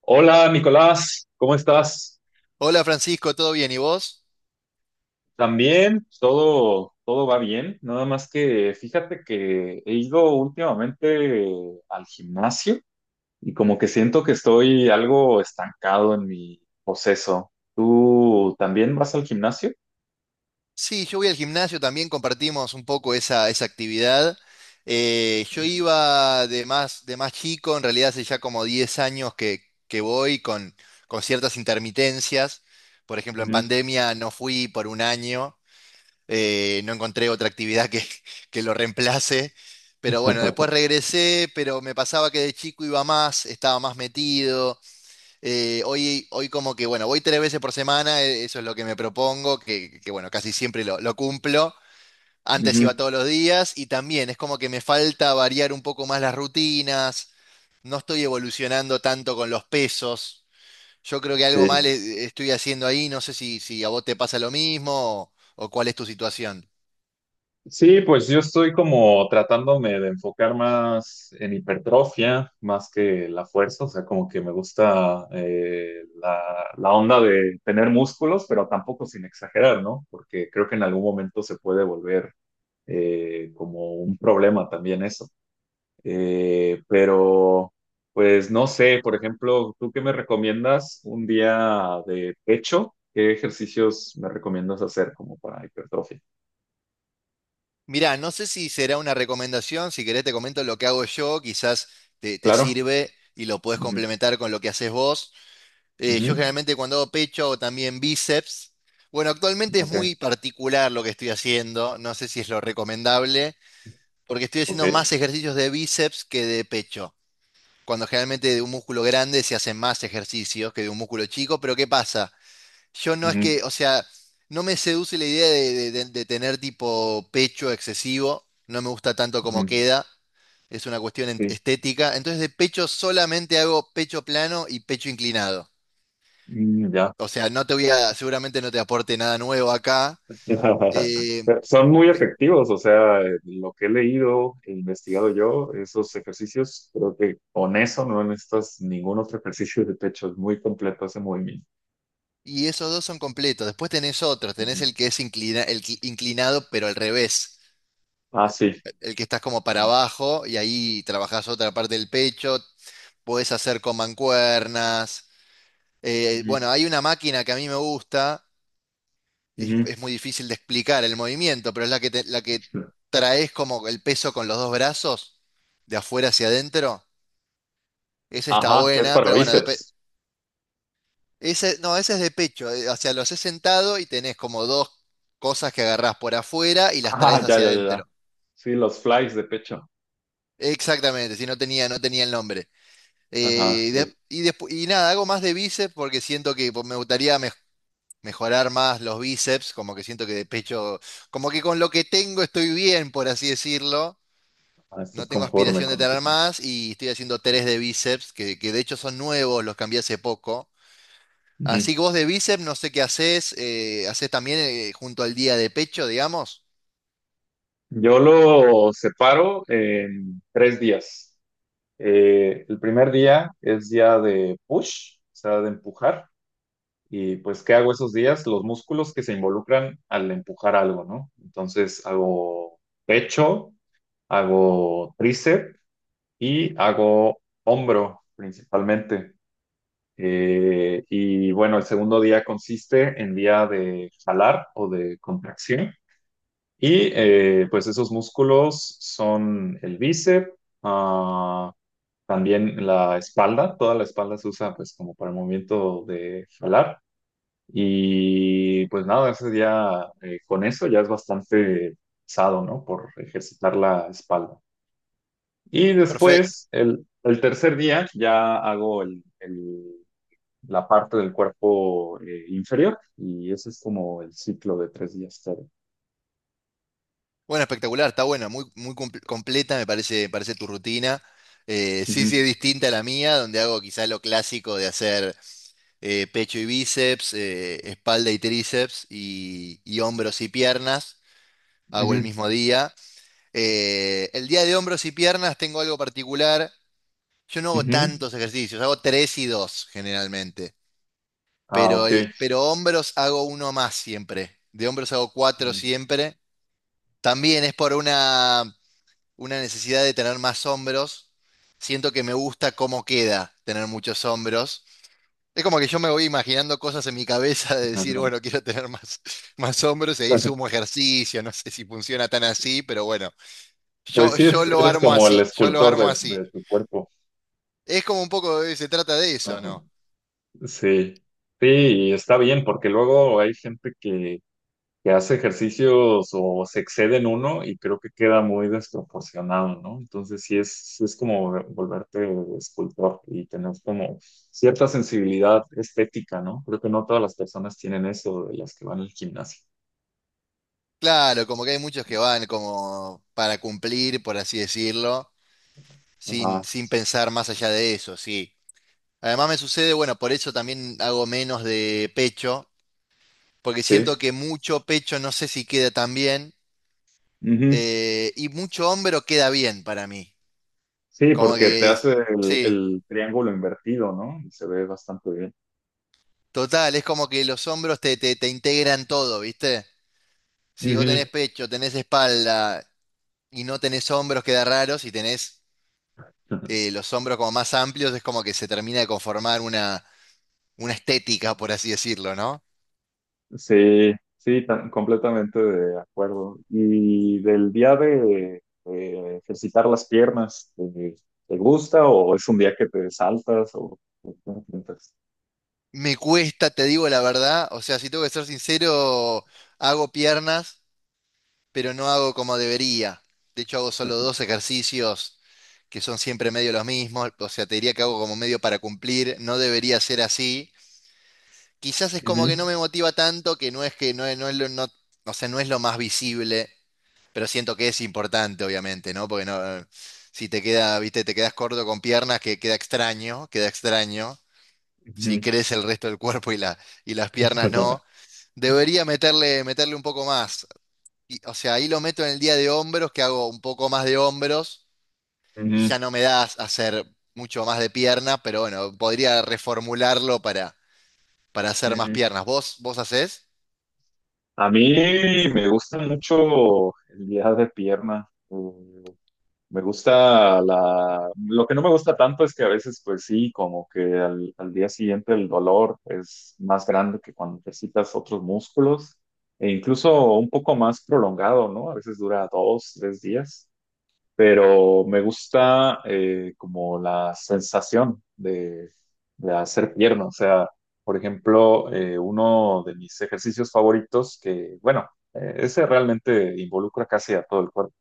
Hola, Nicolás, ¿cómo estás? Hola Francisco, ¿todo bien? ¿Y vos? También, todo va bien, nada más que fíjate que he ido últimamente al gimnasio y como que siento que estoy algo estancado en mi proceso. ¿Tú también vas al gimnasio? Sí, yo voy al gimnasio, también compartimos un poco esa actividad. Yo Ujú. iba de más chico, en realidad hace ya como 10 años que voy con ciertas intermitencias. Por ejemplo, en Ujú. pandemia no fui por un año, no encontré otra actividad que, que lo reemplace. Pero bueno, después regresé, pero me pasaba que de chico iba más, estaba más metido. Hoy como que, bueno, voy tres veces por semana, eso es lo que me propongo, bueno, casi siempre lo cumplo. Antes iba Ujú. todos los días y también es como que me falta variar un poco más las rutinas, no estoy evolucionando tanto con los pesos. Yo creo que algo mal Sí. Estoy haciendo ahí, no sé si a vos te pasa lo mismo o cuál es tu situación. Sí, pues yo estoy como tratándome de enfocar más en hipertrofia, más que la fuerza, o sea, como que me gusta la onda de tener músculos, pero tampoco sin exagerar, ¿no? Porque creo que en algún momento se puede volver como un problema también eso. Eh, pero, pues no sé, por ejemplo, ¿tú qué me recomiendas un día de pecho? ¿Qué ejercicios me recomiendas hacer como para hipertrofia? Mirá, no sé si será una recomendación, si querés te comento lo que hago yo, quizás te Claro. sirve y lo puedes Ujú, complementar con lo que haces vos. Yo ujú. generalmente cuando hago pecho o también bíceps. Bueno, actualmente es Ok, muy particular lo que estoy haciendo. No sé si es lo recomendable, porque estoy haciendo más ok. ejercicios de bíceps que de pecho. Cuando generalmente de un músculo grande se hacen más ejercicios que de un músculo chico, pero ¿qué pasa? Yo no es Ujú, que, o sea, no me seduce la idea de tener tipo pecho excesivo. No me gusta tanto como ujú, queda. Es una sí, estética. Entonces de pecho solamente hago pecho plano y pecho inclinado. mm, ya. O sea, no te voy a, seguramente no te aporte nada nuevo acá. eh, Son muy pe- efectivos, o sea, lo que he leído e investigado yo, esos ejercicios, creo que con eso no necesitas ningún otro ejercicio de pecho, es muy completo ese movimiento. y esos dos son completos. Después tenés otros, tenés Ujú. el que es inclinado, pero al revés. Ah, sí. El que estás como para Ujú, abajo y ahí trabajás otra parte del pecho. Podés hacer con mancuernas. Bueno, hay una máquina que a mí me gusta. Ujú, Es muy difícil de explicar el movimiento, pero es la que ujú. traes como el peso con los dos brazos, de afuera hacia adentro. Esa está Ajá, que es buena, para pero bueno, bíceps. ese, no, ese es de pecho. O sea, lo haces sentado y tenés como dos cosas que agarrás por afuera y las Ah, traes ya, hacia ya, ya, ya. adentro. Sí, los flies de pecho. Exactamente, si no tenía, no tenía el nombre. Ajá, sí. Nada, hago más de bíceps porque siento que pues, me gustaría mejorar más los bíceps, como que siento que de pecho, como que con lo que tengo estoy bien, por así decirlo. Ah, No estás tengo conforme aspiración de con lo que tener tienes. más y estoy haciendo tres de bíceps, que de hecho son nuevos, los cambié hace poco. Así que vos de bíceps, no sé qué haces, haces también junto al día de pecho, digamos. Yo lo separo en tres días. El primer día es día de push, o sea, de empujar. Y pues, ¿qué hago esos días? Los músculos que se involucran al empujar algo, ¿no? Entonces, hago pecho, hago tríceps y hago hombro principalmente. Y bueno, el segundo día consiste en día de jalar o de contracción. Y pues esos músculos son el bíceps, ah, también la espalda, toda la espalda se usa pues como para el movimiento de jalar. Y pues nada, ese día con eso ya es bastante pesado, ¿no? Por ejercitar la espalda. Y Perfecto. después, el tercer día, ya hago la parte del cuerpo inferior y ese es como el ciclo de tres días. Todo. Bueno, espectacular, está buena, muy completa me parece, parece tu rutina. Sí, sí, es Ujú, distinta a la mía, donde hago quizá lo clásico de hacer pecho y bíceps, espalda y tríceps y hombros y piernas, hago el ujú, mismo día. El día de hombros y piernas tengo algo particular, yo no hago ujú. tantos ejercicios, hago tres y dos generalmente. Ah, ok. Pero hombros hago uno más siempre. De hombros hago cuatro Ujú. siempre. También es por una necesidad de tener más hombros. Siento que me gusta cómo queda tener muchos hombros. Es como que yo me voy imaginando cosas en mi cabeza de decir, bueno, quiero tener más, más hombros y ahí Ajá. sumo ejercicio. No sé si funciona tan así, pero bueno, Pues sí, yo lo eres armo como el así, yo lo armo escultor así. de tu cuerpo. Es como un poco, se trata de eso, Ajá. ¿no? Sí, sí, y está bien, porque luego hay gente que hace ejercicios o se excede en uno y creo que queda muy desproporcionado, ¿no? Entonces sí es como volverte escultor y tener como cierta sensibilidad estética, ¿no? Creo que no todas las personas tienen eso de las que van al gimnasio. Claro, como que hay muchos que van como para cumplir, por así decirlo. Ajá, Sin pensar más allá de eso, sí. Además me sucede, bueno, por eso también hago menos de pecho, porque sí. siento que mucho pecho no sé si queda tan bien, Ujú. Y mucho hombro queda bien para mí. Sí, Como porque te que, es- hace sí, el triángulo invertido, ¿no? Y se ve bastante bien. total, es como que los hombros te integran todo, ¿viste? Si vos Ujú. tenés pecho, tenés espalda y no tenés hombros, queda raro. Si tenés los hombros como más amplios, es como que se termina de conformar una estética, por así decirlo, ¿no? Sí, sí, completamente de acuerdo. Y del día de ejercitar las piernas, ¿te, te gusta o es un día que te saltas o cómo piensas? Me cuesta, te digo la verdad. O sea, si tengo que ser sincero, hago piernas, pero no hago como debería. De hecho, hago solo dos ejercicios que son siempre medio los mismos. O sea, te diría que hago como medio para cumplir. No debería ser así. Quizás es como que no Ujú, me motiva tanto, que no es que no, no es lo, no, o sea, no es lo más visible, pero siento que es importante, obviamente, ¿no? Porque no, si te queda, viste, te quedas corto con piernas, que queda extraño, queda extraño. Si ujú. crece el resto del cuerpo y y las piernas no. Debería meterle, meterle un poco más. O sea, ahí lo meto en el día de hombros, que hago un poco más de hombros y Ujú, ya no me da hacer mucho más de pierna, pero bueno, podría reformularlo para hacer más ujú. piernas. ¿Vos, vos hacés? A mí me gusta mucho el día de pierna. Me gusta la... Lo que no me gusta tanto es que a veces, pues sí, como que al día siguiente el dolor es más grande que cuando ejercitas otros músculos e incluso un poco más prolongado, ¿no? A veces dura dos, tres días, pero me gusta como la sensación de hacer pierna. O sea, por ejemplo, uno de mis ejercicios favoritos que, bueno, ese realmente involucra casi a todo el cuerpo,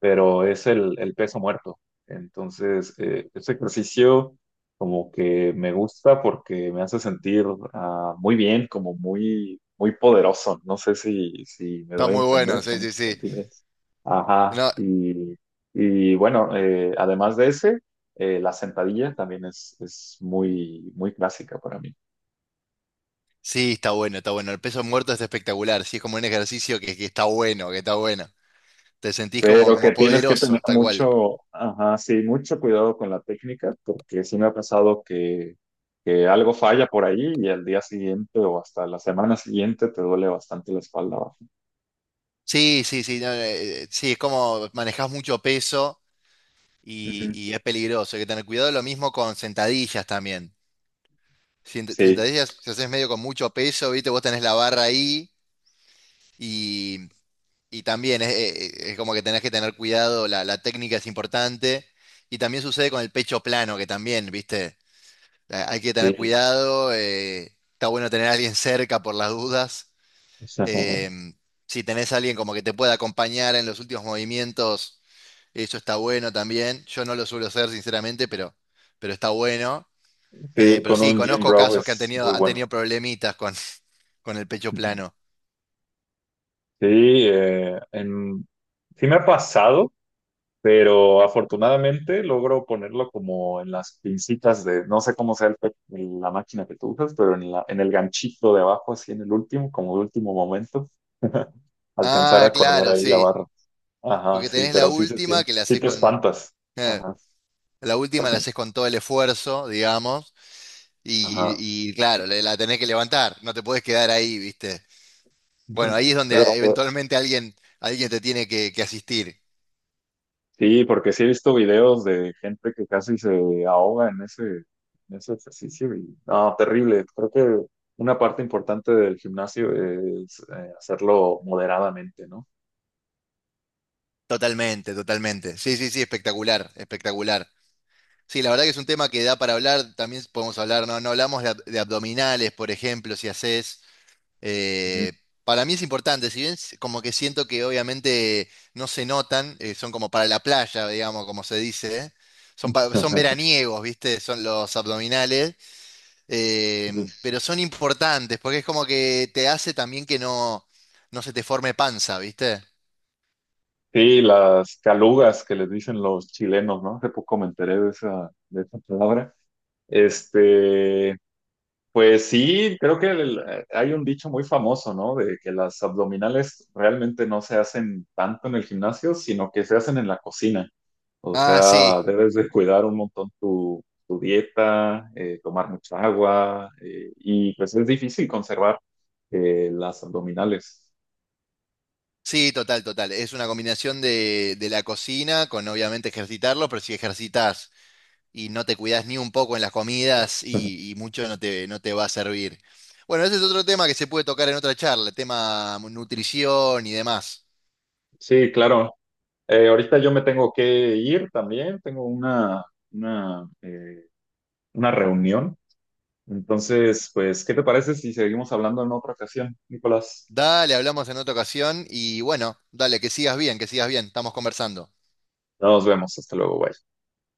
pero es el peso muerto. Entonces, este ejercicio como que me gusta porque me hace sentir ah, muy bien, como muy, muy poderoso. No sé si, si me Está doy a muy bueno, entender sí, con sí, ese sí. sentido. Ajá, No, y bueno, además de ese, la sentadilla también es muy, muy clásica para mí. sí, está bueno, está bueno. El peso muerto es espectacular, sí, es como un ejercicio que está bueno, que está bueno. Te sentís como, Pero como que tienes que tener poderoso, tal cual. mucho, ajá, sí, mucho cuidado con la técnica, porque sí me ha pasado que algo falla por ahí y al día siguiente o hasta la semana siguiente te duele bastante la espalda baja. Sí, sí, sí, no, sí, es como manejás mucho peso Ujú. y es peligroso. Hay que tener cuidado. Lo mismo con sentadillas también. Sí, Sentadillas, si haces medio con mucho peso, ¿viste? Vos tenés la barra ahí y, y también es como que tenés que tener cuidado. La técnica es importante. Y también sucede con el pecho plano, que también, ¿viste? Hay que tener sí. cuidado. Está bueno tener a alguien cerca por las dudas. O sea, Em, si tenés a alguien como que te pueda acompañar en los últimos movimientos, eso está bueno también. Yo no lo suelo hacer, sinceramente, pero está bueno. sí, ir Pero con sí, un gym conozco bro casos que es muy han bueno. tenido problemitas con, con el pecho Ujú. plano. Sí, eh, en- sí me ha pasado, pero afortunadamente logro ponerlo como en las pincitas de, no sé cómo sea la máquina que tú usas, pero en la, en el ganchito de abajo, así en el último, como de último momento, alcanzar Ah, a colgar claro, ahí la sí. barra. Ajá, Porque sí, tenés la pero sí se última siente, que la sí haces te con. espantas. eh, Ajá, la última la haces con todo el esfuerzo, digamos. ajá. Y claro, la tenés que levantar. No te podés quedar ahí, ¿viste? Bueno, ahí es donde Pero pues, eventualmente alguien te tiene que asistir. sí, porque sí he visto videos de gente que casi se ahoga en ese ejercicio y, no, terrible. Creo que una parte importante del gimnasio es hacerlo moderadamente, ¿no? Totalmente, totalmente. Sí, sí, sí, espectacular, espectacular. Sí, la verdad que es un tema que da para hablar, también podemos hablar, no, no hablamos de abdominales, por ejemplo, si haces, Ujú. eh, para mí es importante, si bien como que siento que obviamente no se notan, son como para la playa, digamos, como se dice, ¿eh? Son veraniegos, ¿viste? Son los abdominales, eh, pero son importantes, porque es como que te hace también que no, no se te forme panza, ¿viste? Sí, las calugas que les dicen los chilenos, ¿no? Hace poco me enteré de esa palabra. Este, pues sí, creo que hay un dicho muy famoso, ¿no? De que las abdominales realmente no se hacen tanto en el gimnasio, sino que se hacen en la cocina. O Ah, sí. sea, debes de cuidar un montón tu, tu dieta, tomar mucha agua, y pues es difícil conservar las abdominales. Sí, total, total. Es una combinación de la cocina con obviamente ejercitarlo, pero si ejercitas y no te cuidas ni un poco en las comidas y mucho no te va a servir. Bueno, ese es otro tema que se puede tocar en otra charla, el tema nutrición y demás. Sí, claro. Ahorita yo me tengo que ir también, tengo una, eh, una reunión. Entonces, pues, ¿qué te parece si seguimos hablando en otra ocasión, Nicolás? Dale, hablamos en otra ocasión y bueno, dale, que sigas bien, estamos conversando. Nos vemos, hasta luego, bye.